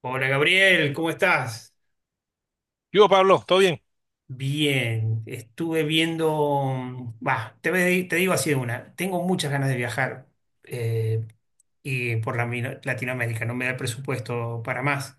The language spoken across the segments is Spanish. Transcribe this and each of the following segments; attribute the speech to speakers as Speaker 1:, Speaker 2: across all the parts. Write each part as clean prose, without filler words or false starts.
Speaker 1: Hola Gabriel, ¿cómo estás?
Speaker 2: Yo, Pablo, ¿todo bien?
Speaker 1: Bien, estuve viendo, bah, te digo así de una, tengo muchas ganas de viajar eh, y por Latinoamérica, no me da el presupuesto para más.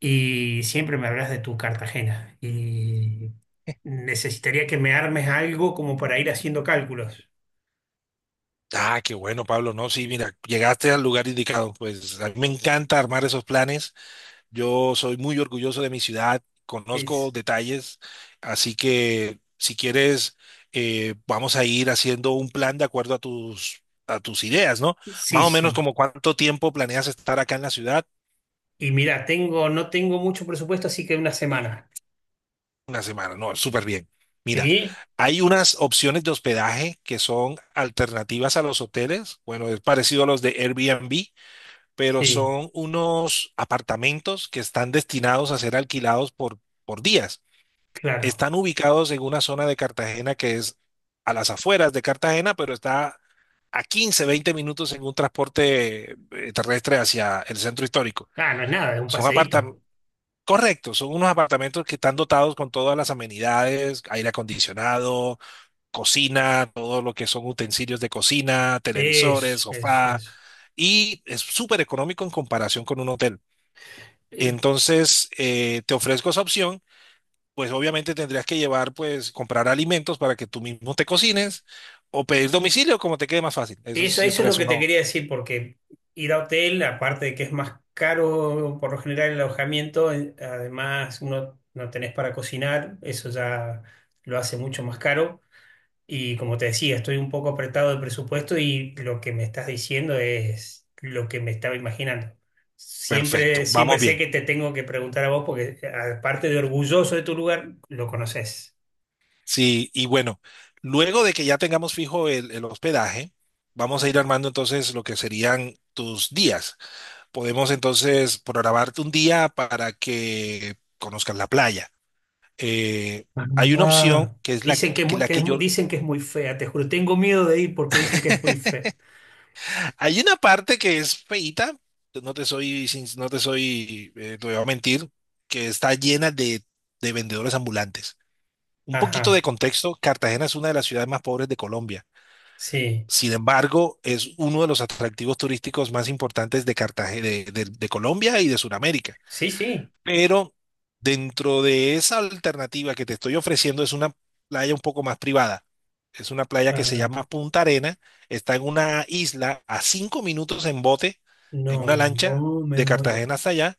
Speaker 1: Y siempre me hablas de tu Cartagena y necesitaría que me armes algo como para ir haciendo cálculos.
Speaker 2: Ah, qué bueno, Pablo. No, sí, mira, llegaste al lugar indicado. Pues a mí me encanta armar esos planes. Yo soy muy orgulloso de mi ciudad, conozco
Speaker 1: Es,
Speaker 2: detalles, así que si quieres, vamos a ir haciendo un plan de acuerdo a tus ideas, ¿no? Más
Speaker 1: sí,
Speaker 2: o menos,
Speaker 1: sí.
Speaker 2: ¿como cuánto tiempo planeas estar acá en la ciudad?
Speaker 1: Y mira, no tengo mucho presupuesto, así que una semana.
Speaker 2: Una semana, no, súper bien. Mira,
Speaker 1: ¿Sí?
Speaker 2: hay unas opciones de hospedaje que son alternativas a los hoteles. Bueno, es parecido a los de Airbnb, pero
Speaker 1: Sí,
Speaker 2: son unos apartamentos que están destinados a ser alquilados por días.
Speaker 1: claro.
Speaker 2: Están ubicados en una zona de Cartagena que es a las afueras de Cartagena, pero está a 15-20 minutos en un transporte terrestre hacia el centro histórico.
Speaker 1: Ah, no es nada, es un
Speaker 2: Son
Speaker 1: paseíto.
Speaker 2: apartamentos, correcto, son unos apartamentos que están dotados con todas las amenidades: aire acondicionado, cocina, todo lo que son utensilios de cocina, televisores,
Speaker 1: Eso, eso,
Speaker 2: sofá,
Speaker 1: eso.
Speaker 2: y es súper económico en comparación con un hotel.
Speaker 1: Y
Speaker 2: Entonces, te ofrezco esa opción, pues obviamente tendrías que llevar, pues comprar alimentos para que tú mismo te cocines o pedir domicilio, como te quede más fácil. Eso
Speaker 1: eso, eso es
Speaker 2: siempre
Speaker 1: lo
Speaker 2: es
Speaker 1: que te
Speaker 2: uno.
Speaker 1: quería decir, porque ir a hotel, aparte de que es más caro por lo general el alojamiento, además uno no tenés para cocinar, eso ya lo hace mucho más caro. Y como te decía, estoy un poco apretado de presupuesto y lo que me estás diciendo es lo que me estaba imaginando.
Speaker 2: Perfecto,
Speaker 1: Siempre, siempre
Speaker 2: vamos
Speaker 1: sé
Speaker 2: bien.
Speaker 1: que te tengo que preguntar a vos, porque aparte de orgulloso de tu lugar, lo conoces.
Speaker 2: Sí, y bueno, luego de que ya tengamos fijo el hospedaje, vamos a ir armando entonces lo que serían tus días. Podemos entonces programarte un día para que conozcas la playa. Eh, hay una opción
Speaker 1: Ah,
Speaker 2: que es la
Speaker 1: dicen que, es
Speaker 2: que,
Speaker 1: muy-
Speaker 2: la
Speaker 1: que
Speaker 2: que
Speaker 1: es,
Speaker 2: yo...
Speaker 1: dicen que es muy fea, te juro. Tengo miedo de ir porque dicen que es muy fea.
Speaker 2: Hay una parte que es feíta, no te soy, sin- no te soy, te voy a mentir, que está llena de vendedores ambulantes. Un poquito de
Speaker 1: Ajá,
Speaker 2: contexto: Cartagena es una de las ciudades más pobres de Colombia.
Speaker 1: sí,
Speaker 2: Sin embargo, es uno de los atractivos turísticos más importantes de Cartagena, de Colombia y de Sudamérica.
Speaker 1: sí, sí.
Speaker 2: Pero dentro de esa alternativa que te estoy ofreciendo, es una playa un poco más privada. Es una playa que se
Speaker 1: Ajá.
Speaker 2: llama Punta Arena. Está en una isla a 5 minutos en bote, en una
Speaker 1: No,
Speaker 2: lancha,
Speaker 1: oh, me
Speaker 2: de
Speaker 1: muero.
Speaker 2: Cartagena hasta allá,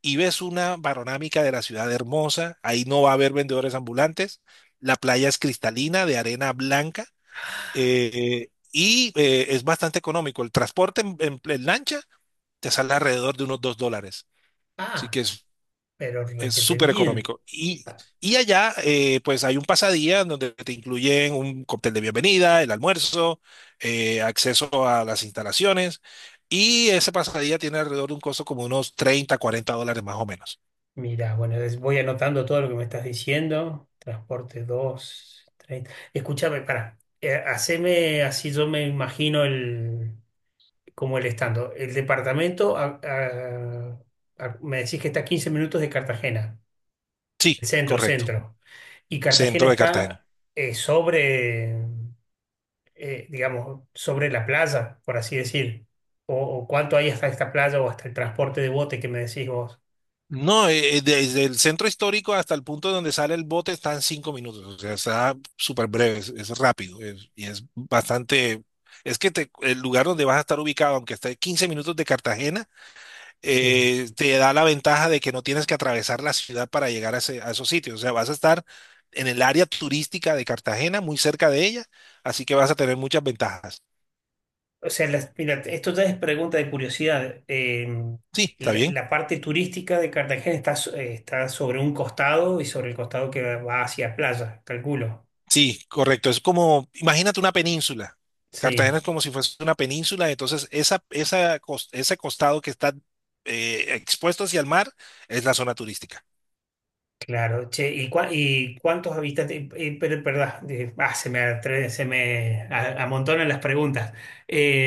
Speaker 2: y ves una panorámica de la ciudad hermosa. Ahí no va a haber vendedores ambulantes. La playa es cristalina, de arena blanca, y es bastante económico. El transporte en lancha te sale alrededor de unos $2. Así
Speaker 1: Ah,
Speaker 2: que
Speaker 1: pero
Speaker 2: es
Speaker 1: requete
Speaker 2: súper
Speaker 1: bien.
Speaker 2: económico. Y,
Speaker 1: Ah,
Speaker 2: y allá, pues hay un pasadía donde te incluyen un cóctel de bienvenida, el almuerzo, acceso a las instalaciones. Y ese pasadía tiene alrededor de un costo como unos $30-$40, más o menos.
Speaker 1: mira, voy anotando todo lo que me estás diciendo. Transporte 2, 30. Escúchame, pará. Haceme así, yo me imagino como el estando. El departamento, me decís que está a 15 minutos de Cartagena.
Speaker 2: Sí,
Speaker 1: El centro,
Speaker 2: correcto.
Speaker 1: centro. Y Cartagena
Speaker 2: Centro de Cartagena.
Speaker 1: está sobre, digamos, sobre la playa, por así decir. O cuánto hay hasta esta playa o hasta el transporte de bote que me decís vos.
Speaker 2: No, desde el centro histórico hasta el punto donde sale el bote está en 5 minutos. O sea, está súper breve, es rápido y es bastante. Es que el lugar donde vas a estar ubicado, aunque esté 15 minutos de Cartagena,
Speaker 1: Sí.
Speaker 2: te da la ventaja de que no tienes que atravesar la ciudad para llegar a esos sitios. O sea, vas a estar en el área turística de Cartagena, muy cerca de ella, así que vas a tener muchas ventajas.
Speaker 1: O sea, mira, esto ya es pregunta de curiosidad.
Speaker 2: Sí, está
Speaker 1: La,
Speaker 2: bien.
Speaker 1: la parte turística de Cartagena está sobre un costado y sobre el costado que va hacia playa, calculo.
Speaker 2: Sí, correcto. Es como, imagínate una península. Cartagena
Speaker 1: Sí.
Speaker 2: es como si fuese una península, entonces ese costado que está expuesto hacia el mar es la zona turística.
Speaker 1: Claro, che, ¿y, y cuántos habitantes? Pero, perdón, se me amontonan las preguntas.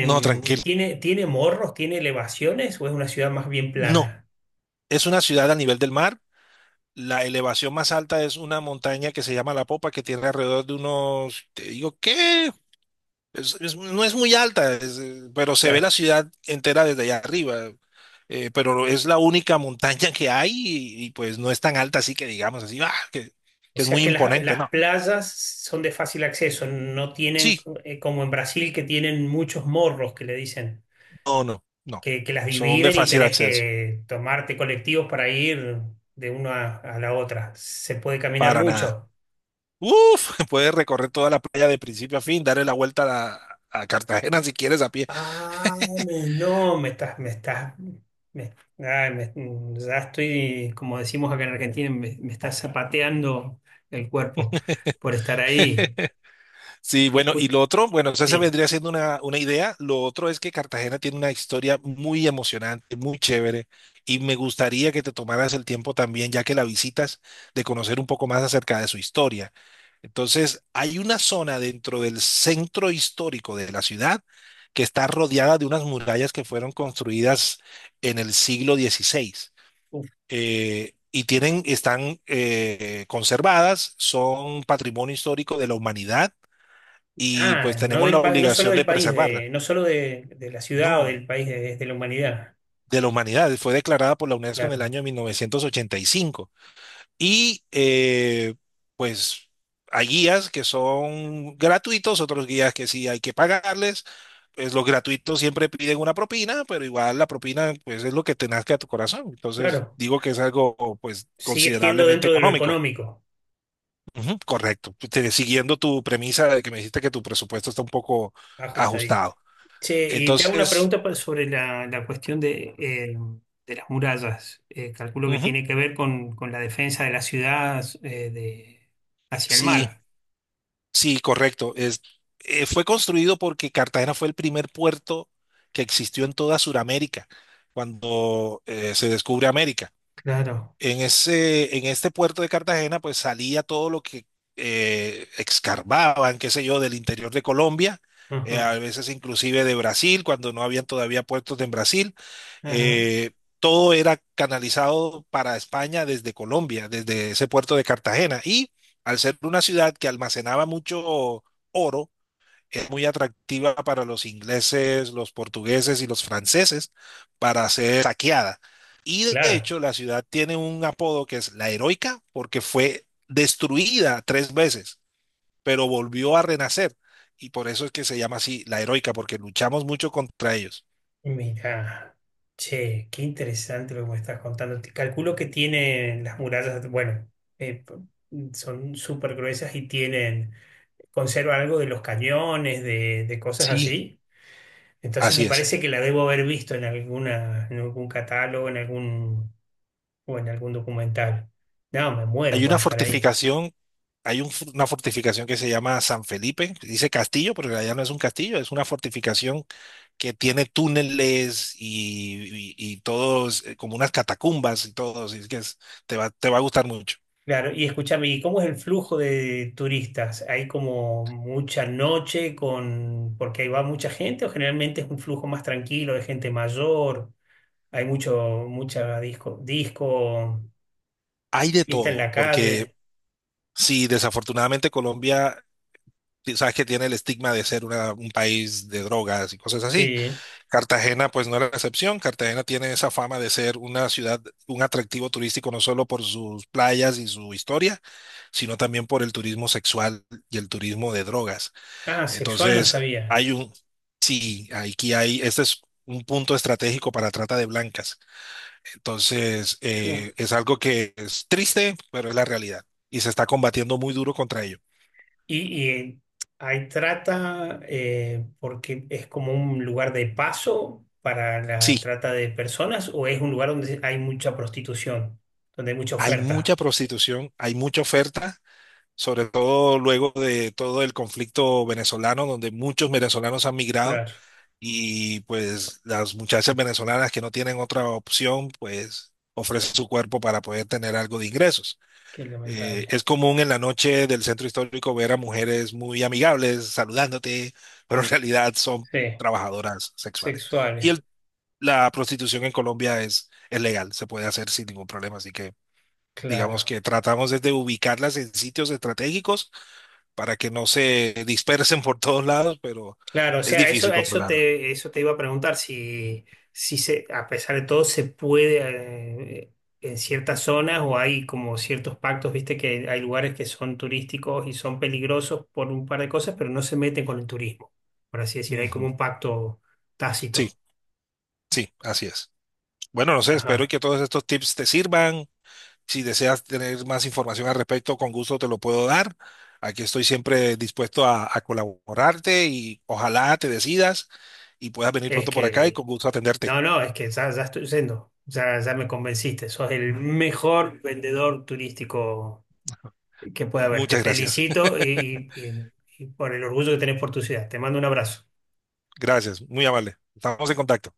Speaker 2: No, tranquilo.
Speaker 1: ¿Tiene, tiene morros? ¿Tiene elevaciones? ¿O es una ciudad más bien
Speaker 2: No,
Speaker 1: plana?
Speaker 2: es una ciudad a nivel del mar. La elevación más alta es una montaña que se llama La Popa, que tiene alrededor de unos, te digo, ¿qué? No es muy alta, pero se ve la
Speaker 1: Claro.
Speaker 2: ciudad entera desde allá arriba. Pero es la única montaña que hay, pues no es tan alta, así que digamos así, ¡ah!, que,
Speaker 1: O
Speaker 2: que es
Speaker 1: sea
Speaker 2: muy
Speaker 1: que
Speaker 2: imponente,
Speaker 1: las
Speaker 2: ¿no?
Speaker 1: playas son de fácil acceso, no tienen,
Speaker 2: Sí,
Speaker 1: como en Brasil, que tienen muchos morros que le dicen,
Speaker 2: no, no, no.
Speaker 1: que las
Speaker 2: Son de
Speaker 1: dividen y
Speaker 2: fácil
Speaker 1: tenés
Speaker 2: acceso,
Speaker 1: que tomarte colectivos para ir de una a la otra. Se puede caminar
Speaker 2: para nada.
Speaker 1: mucho.
Speaker 2: Uf, puedes recorrer toda la playa de principio a fin, darle la vuelta a Cartagena si quieres a pie.
Speaker 1: Ah, me- no, me estás, me estás, me, ay, me- mm, ya estoy, como decimos acá en Argentina, me está zapateando el cuerpo por estar ahí.
Speaker 2: Sí, bueno, y
Speaker 1: Escu-
Speaker 2: lo otro, bueno, o se
Speaker 1: sí.
Speaker 2: vendría siendo una, idea. Lo otro es que Cartagena tiene una historia muy emocionante, muy chévere, y me gustaría que te tomaras el tiempo también, ya que la visitas, de conocer un poco más acerca de su historia. Entonces, hay una zona dentro del centro histórico de la ciudad que está rodeada de unas murallas que fueron construidas en el siglo XVI.
Speaker 1: Uf.
Speaker 2: Y tienen, están conservadas, son patrimonio histórico de la humanidad, y
Speaker 1: Ah,
Speaker 2: pues tenemos la
Speaker 1: no solo
Speaker 2: obligación
Speaker 1: del
Speaker 2: de
Speaker 1: país,
Speaker 2: preservarla.
Speaker 1: no solo de la ciudad o
Speaker 2: No,
Speaker 1: del país, de la humanidad.
Speaker 2: de la humanidad. Fue declarada por la UNESCO en el
Speaker 1: Claro,
Speaker 2: año 1985. Y cinco. Y pues hay guías que son gratuitos, otros guías que sí hay que pagarles. Pues los gratuitos siempre piden una propina, pero igual la propina, pues, es lo que te nazca a tu corazón. Entonces
Speaker 1: claro.
Speaker 2: digo que es algo, pues,
Speaker 1: Sigue siendo
Speaker 2: considerablemente
Speaker 1: dentro de lo
Speaker 2: económico.
Speaker 1: económico.
Speaker 2: Ujú, correcto. Pues, siguiendo tu premisa de que me dijiste que tu presupuesto está un poco
Speaker 1: Ajustadito.
Speaker 2: ajustado.
Speaker 1: Che, y te hago una
Speaker 2: Entonces,
Speaker 1: pregunta sobre la, la cuestión de las murallas. Calculo que tiene que ver con la defensa de las ciudades de, hacia el
Speaker 2: sí,
Speaker 1: mar.
Speaker 2: sí, correcto. Fue construido porque Cartagena fue el primer puerto que existió en toda Sudamérica cuando se descubre América.
Speaker 1: Claro.
Speaker 2: En ese, en este puerto de Cartagena, pues salía todo lo que excavaban, qué sé yo, del interior de Colombia, a
Speaker 1: Ajá,
Speaker 2: veces inclusive de Brasil, cuando no habían todavía puertos en Brasil.
Speaker 1: ajá.
Speaker 2: Eh, todo era canalizado para España desde Colombia, desde ese puerto de Cartagena. Y al ser una ciudad que almacenaba mucho oro, es muy atractiva para los ingleses, los portugueses y los franceses, para ser saqueada. Y de
Speaker 1: Claro.
Speaker 2: hecho, la ciudad tiene un apodo, que es la heroica, porque fue destruida 3 veces, pero volvió a renacer. Y por eso es que se llama así, la heroica, porque luchamos mucho contra ellos.
Speaker 1: Mira. Che, qué interesante lo que me estás contando. Calculo que tienen las murallas, bueno, son súper gruesas y tienen, conserva algo de los cañones, de cosas
Speaker 2: Sí,
Speaker 1: así. Entonces me
Speaker 2: así es.
Speaker 1: parece que la debo haber visto en alguna, en algún catálogo, en algún, o en algún documental. No, me muero
Speaker 2: Hay
Speaker 1: por
Speaker 2: una
Speaker 1: estar ahí.
Speaker 2: fortificación, una fortificación que se llama San Felipe. Dice castillo, pero en realidad no es un castillo, es una fortificación que tiene túneles y, y todos, como unas catacumbas y todo, así es que es... te va a gustar mucho.
Speaker 1: Claro, y escúchame, ¿y cómo es el flujo de turistas? ¿Hay como mucha noche con, porque ahí va mucha gente o generalmente es un flujo más tranquilo de gente mayor? Hay mucho, mucha disco,
Speaker 2: Hay de
Speaker 1: fiesta en
Speaker 2: todo,
Speaker 1: la
Speaker 2: porque
Speaker 1: calle.
Speaker 2: sí, desafortunadamente Colombia, sabes que tiene el estigma de ser un país de drogas y cosas así.
Speaker 1: Sí.
Speaker 2: Cartagena, pues, no era la excepción. Cartagena tiene esa fama de ser una ciudad, un atractivo turístico, no solo por sus playas y su historia, sino también por el turismo sexual y el turismo de drogas.
Speaker 1: Ah, sexual no
Speaker 2: Entonces,
Speaker 1: sabía.
Speaker 2: sí, aquí hay, este es un punto estratégico para trata de blancas. Entonces,
Speaker 1: Uf,
Speaker 2: es algo que es triste, pero es la realidad. Y se está combatiendo muy duro contra ello.
Speaker 1: y ahí trata, porque es como un lugar de paso para la
Speaker 2: Sí,
Speaker 1: trata de personas, o es un lugar donde hay mucha prostitución, donde hay mucha
Speaker 2: hay mucha
Speaker 1: oferta.
Speaker 2: prostitución, hay mucha oferta, sobre todo luego de todo el conflicto venezolano, donde muchos venezolanos han migrado,
Speaker 1: Claro,
Speaker 2: y pues las muchachas venezolanas que no tienen otra opción, pues ofrecen su cuerpo para poder tener algo de ingresos.
Speaker 1: qué lamentable.
Speaker 2: Es común en la noche del centro histórico ver a mujeres muy amigables saludándote, pero en realidad son
Speaker 1: Sí,
Speaker 2: trabajadoras sexuales. Y
Speaker 1: sexuales,
Speaker 2: el- la prostitución en Colombia es legal, se puede hacer sin ningún problema. Así que digamos
Speaker 1: claro.
Speaker 2: que tratamos es de ubicarlas en sitios estratégicos para que no se dispersen por todos lados, pero
Speaker 1: Claro, o
Speaker 2: es
Speaker 1: sea,
Speaker 2: difícil controlarlo.
Speaker 1: eso te iba a preguntar si, si se, a pesar de todo se puede en ciertas zonas o hay como ciertos pactos, viste que hay lugares que son turísticos y son peligrosos por un par de cosas, pero no se meten con el turismo, por así decir, hay como
Speaker 2: Ujú.
Speaker 1: un pacto
Speaker 2: Sí,
Speaker 1: tácito.
Speaker 2: sí, así es. Bueno, no sé, espero
Speaker 1: Ajá.
Speaker 2: que todos estos tips te sirvan. Si deseas tener más información al respecto, con gusto te lo puedo dar. Aquí estoy siempre dispuesto a colaborarte, y ojalá te decidas y puedas venir
Speaker 1: Es
Speaker 2: pronto por acá, y
Speaker 1: que,
Speaker 2: con gusto atenderte.
Speaker 1: no, no, es que ya, ya estoy yendo, ya, ya me convenciste, sos el mejor vendedor turístico que pueda verte.
Speaker 2: Muchas gracias.
Speaker 1: Felicito y por el orgullo que tenés por tu ciudad. Te mando un abrazo.
Speaker 2: Gracias, muy amable. Estamos en contacto.